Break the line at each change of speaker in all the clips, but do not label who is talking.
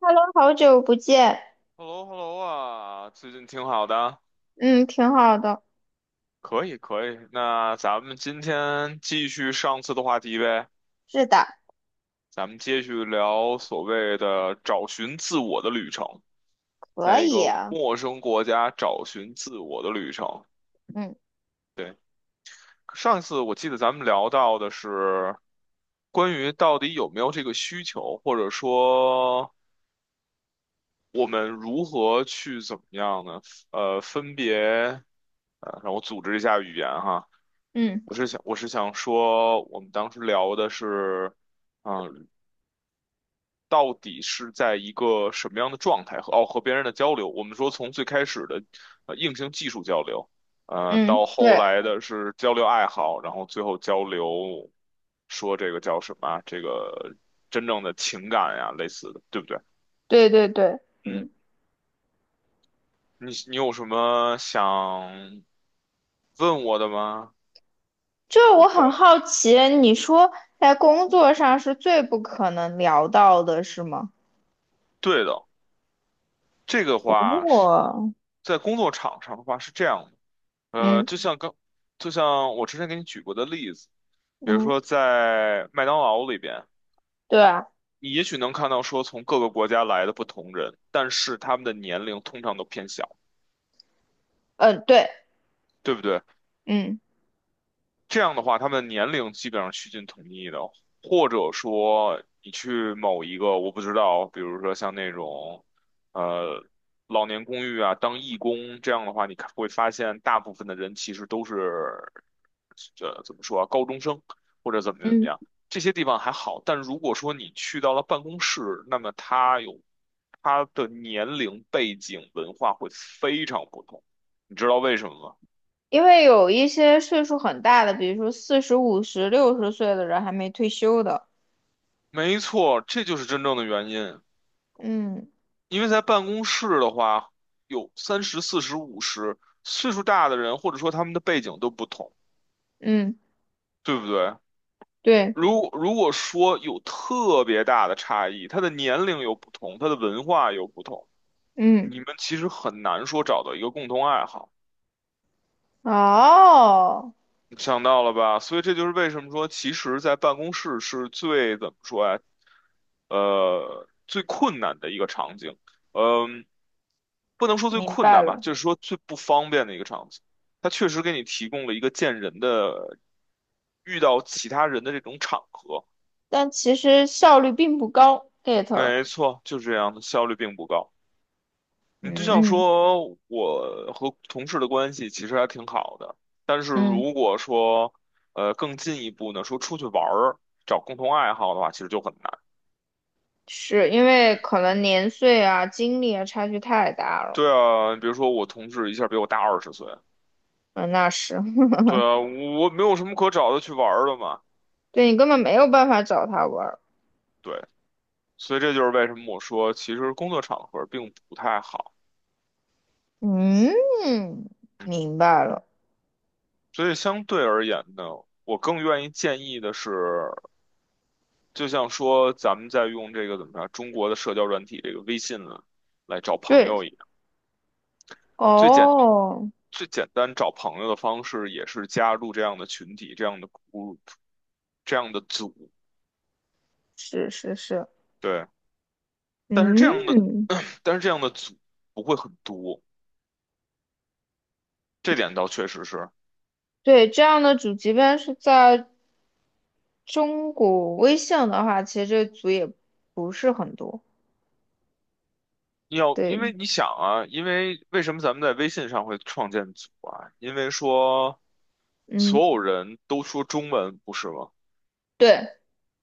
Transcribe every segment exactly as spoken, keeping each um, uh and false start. Hello，好久不见。
h e l l o h e l l o 啊，最近挺好的，
嗯，挺好的。
可以可以。那咱们今天继续上次的话题呗，
是的，
咱们继续聊所谓的找寻自我的旅程，
可
在一
以
个
啊。
陌生国家找寻自我的旅程。
嗯
对，上一次我记得咱们聊到的是关于到底有没有这个需求，或者说我们如何去怎么样呢？呃，分别，呃，让我组织一下语言哈。
嗯
我是想，我是想说，我们当时聊的是，嗯，到底是在一个什么样的状态和哦和别人的交流？我们说从最开始的呃硬性技术交流，呃，
嗯，
到后
对
来的是交流爱好，然后最后交流说这个叫什么啊这个真正的情感呀，类似的，对不对？
对对对，
嗯，
嗯，
你你有什么想问我的吗？
就是
如
我很
果
好奇，你说在工作上是最不可能聊到的，是吗？
对的，这个话是
哦，
在工作场上的话是这样的，呃，
嗯
就像刚，就像我之前给你举过的例子，比如
嗯，
说在麦当劳里边，
对啊，
你也许能看到说从各个国家来的不同人，但是他们的年龄通常都偏小，
嗯对，
对不对？
嗯
这样的话，他们年龄基本上趋近统一的，或者说你去某一个，我不知道，比如说像那种，呃，老年公寓啊，当义工这样的话，你看会发现大部分的人其实都是，这怎么说啊，高中生或者怎么怎么
嗯，
样，这些地方还好，但如果说你去到了办公室，那么他有他的年龄、背景、文化会非常不同，你知道为什么吗？
因为有一些岁数很大的，比如说四十五十、六十岁的人还没退休的。
没错，这就是真正的原因。
嗯
因为在办公室的话，有三十、四十、五十，岁数大的人，或者说他们的背景都不同，
嗯，
对不对？
对，
如如果说有特别大的差异，他的年龄有不同，他的文化有不同，你
嗯，
们其实很难说找到一个共同爱好。
哦，
想到了吧？所以这就是为什么说，其实，在办公室是最怎么说呀？呃，最困难的一个场景，嗯、不能说最
明
困
白
难吧，
了。
就是说最不方便的一个场景。它确实给你提供了一个见人的、遇到其他人的这种场合。
但其实效率并不高，get 了。
没错，就是这样的，效率并不高。你就
嗯
像
嗯
说，我和同事的关系其实还挺好的，但是
嗯，
如果说，呃，更进一步呢，说出去玩儿，找共同爱好的话，其实就很难。
是因为可能年岁啊、精力啊差距太大了。
对啊，比如说我同事一下比我大二十岁，
嗯，那是，
对 啊，我没有什么可找的去玩儿的嘛。
对你根本没有办法找他玩儿。
对，所以这就是为什么我说，其实工作场合并不太好。
嗯，明白了。
所以相对而言呢，我更愿意建议的是，就像说咱们在用这个怎么着，中国的社交软体这个微信呢，来找朋
对，
友一样。最简
哦，
最简单找朋友的方式也是加入这样的群体、这样的 group、这样的组，
是是是，
对。但是这样的，
嗯，
但是这样的组不会很多，这点倒确实是。
对，这样的主即便是在中国微信的话，其实这组也不是很多。
要，因
对
为你想啊，因为为什么咱们在微信上会创建组啊？因为说所
嗯，
有人都说中文，不是吗？
对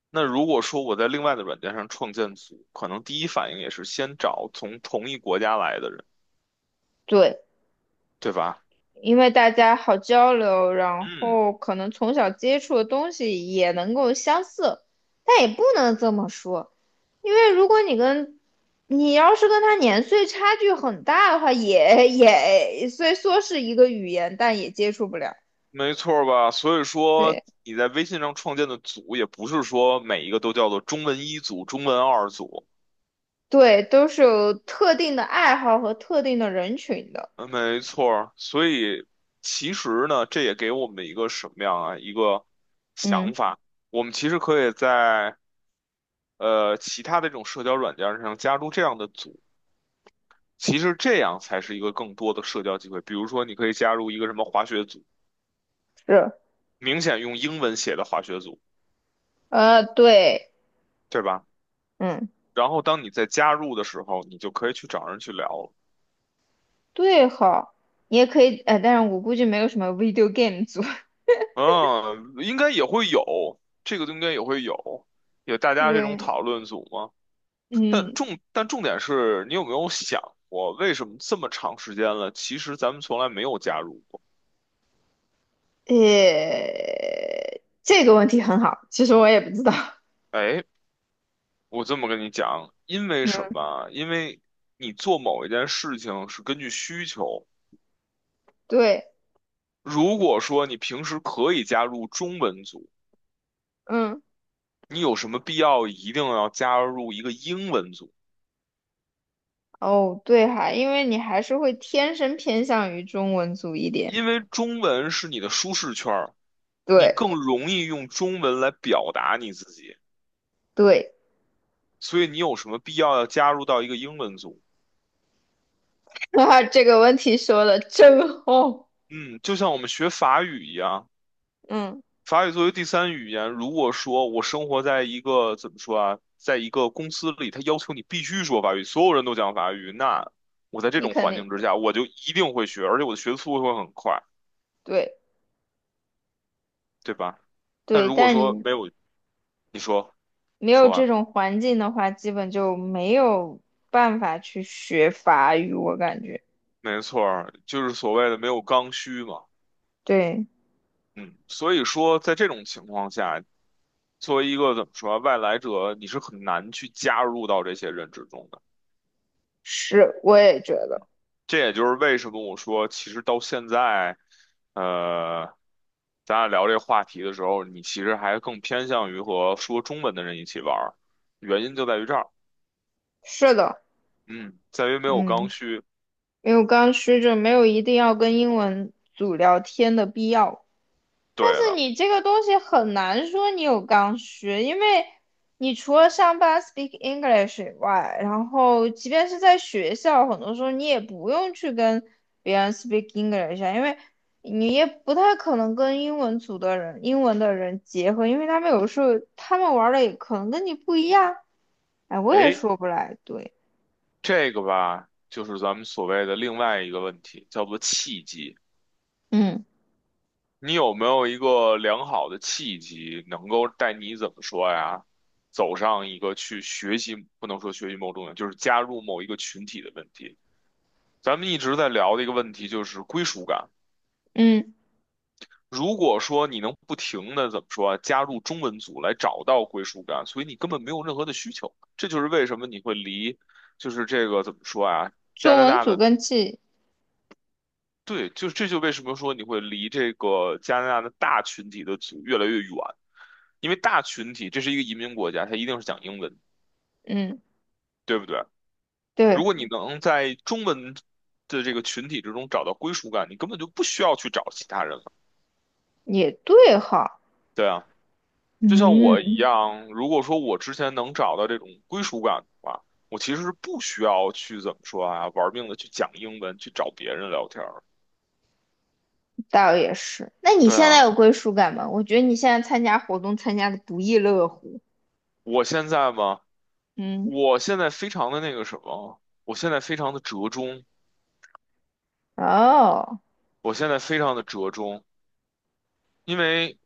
那如果说我在另外的软件上创建组，可能第一反应也是先找从同一国家来的人，
对，
对吧？
因为大家好交流，然
嗯，
后可能从小接触的东西也能够相似，但也不能这么说，因为如果你跟你要是跟他年岁差距很大的话，也也虽说是一个语言，但也接触不了。
没错儿吧？所以说
对
你在微信上创建的组，也不是说每一个都叫做中文一组、中文二组。
对，都是有特定的爱好和特定的人群的。
嗯，没错儿。所以其实呢，这也给我们一个什么样啊？一个
嗯，
想法，我们其实可以在呃其他的这种社交软件上加入这样的组。其实这样才是一个更多的社交机会。比如说，你可以加入一个什么滑雪组，
是，
明显用英文写的滑雪组，
呃，对，
对吧？
嗯，
然后当你在加入的时候，你就可以去找人去聊了。
对好你也可以，呃，但是我估计没有什么 video game 组。
嗯，应该也会有，这个应该也会有，有大 家这种
对，
讨论组嘛。但
嗯。
重但重点是你有没有想过，为什么这么长时间了，其实咱们从来没有加入过？
诶，这个问题很好，其实我也不知道。
哎，我这么跟你讲，因为什么啊因为你做某一件事情是根据需求。
对，
如果说你平时可以加入中文组，
嗯，
你有什么必要一定要加入一个英文组？
哦，对哈，因为你还是会天生偏向于中文组一点。
因为中文是你的舒适圈儿。你
对，
更容易用中文来表达你自己，
对，
所以你有什么必要要加入到一个英文组？
哈哈这个问题说的真好。
嗯，就像我们学法语一样，
嗯，
法语作为第三语言，如果说我生活在一个怎么说啊，在一个公司里，他要求你必须说法语，所有人都讲法语，那我在这
你
种
肯
环
定
境之下，我就一定会学，而且我的学速度会很快，
对
对吧？但
对，
如果
但
说
你
没有，你说
没有
说
这
完，
种环境的话，基本就没有办法去学法语，我感觉。
没错儿，就是所谓的没有刚需嘛。
对，
嗯，所以说，在这种情况下，作为一个怎么说啊外来者，你是很难去加入到这些人之中的。
是，我也觉得
这也就是为什么我说，其实到现在，呃，咱俩聊这个话题的时候，你其实还更偏向于和说中文的人一起玩儿，原因就在于这儿，
是的。
嗯，在于没有刚
嗯。
需。
没有刚需就没有一定要跟英文组聊天的必要。但
对
是
了，
你这个东西很难说你有刚需，因为你除了上班 speak English 以外，然后即便是在学校，很多时候你也不用去跟别人 speak English 啊，因为你也不太可能跟英文组的人、英文的人结合，因为他们有时候他们玩的也可能跟你不一样。哎，我也
哎，
说不来，对，
这个吧，就是咱们所谓的另外一个问题，叫做契机。
嗯
你有没有一个良好的契机，能够带你怎么说呀，走上一个去学习，不能说学习某种，就是加入某一个群体的问题？咱们一直在聊的一个问题就是归属感。
嗯，
如果说你能不停的怎么说啊，加入中文组来找到归属感，所以你根本没有任何的需求。这就是为什么你会离，就是这个怎么说啊，加
中
拿
文
大
组
的
跟记，
对，就这就为什么说你会离这个加拿大的大群体的族越来越远，因为大群体这是一个移民国家，它一定是讲英文，
嗯。
对不对？如
对。
果你能在中文的这个群体之中找到归属感，你根本就不需要去找其他人了。
也对哈，
对啊，就像我一
嗯，
样，如果说我之前能找到这种归属感的话，我其实是不需要去怎么说啊，玩命的去讲英文，去找别人聊天儿
倒也是。那你
对
现在
啊，
有归属感吗？我觉得你现在参加活动参加的不亦乐乎。
我现在嘛。
嗯，
我现在非常的那个什么，我现在非常的折中，
哦，
我现在非常的折中，因为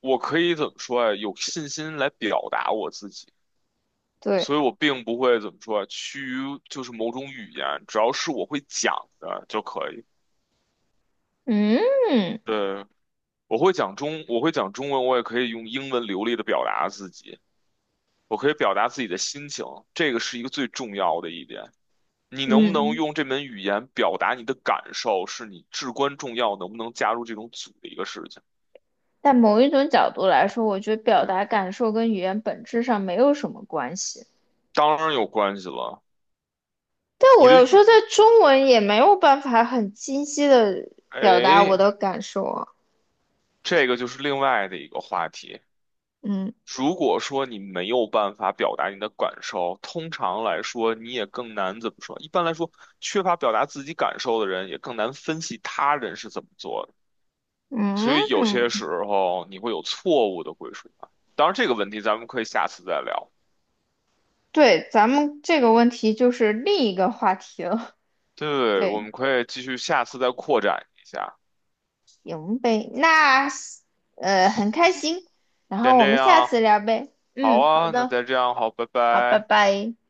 我可以怎么说啊，有信心来表达我自己，所
对，
以我并不会怎么说啊，趋于就是某种语言，只要是我会讲的就可以。
嗯
对，我会讲中，我会讲中文，我也可以用英文流利的表达自己，我可以表达自己的心情，这个是一个最重要的一点。你能不能
嗯。
用这门语言表达你的感受，是你至关重要，能不能加入这种组的一个事情。
但某一种角度来说，我觉得表
对，
达感受跟语言本质上没有什么关系。
当然有关系了。
但
你
我
的
有时候
语，
在中文也没有办法很清晰的表达我
哎，
的感受啊。
这个就是另外的一个话题。
嗯
如果说你没有办法表达你的感受，通常来说你也更难怎么说？一般来说，缺乏表达自己感受的人也更难分析他人是怎么做的。所以有
嗯，
些时候你会有错误的归属感。当然，这个问题咱们可以下次再聊。
对，咱们这个问题就是另一个话题了。
对，我
对。
们可以继续下次再扩展一下。
行呗，那呃很开心，然后
先
我
这
们下
样，
次聊呗。
好
嗯，好
啊，那
的，
再这样，好，拜
好，拜
拜。
拜。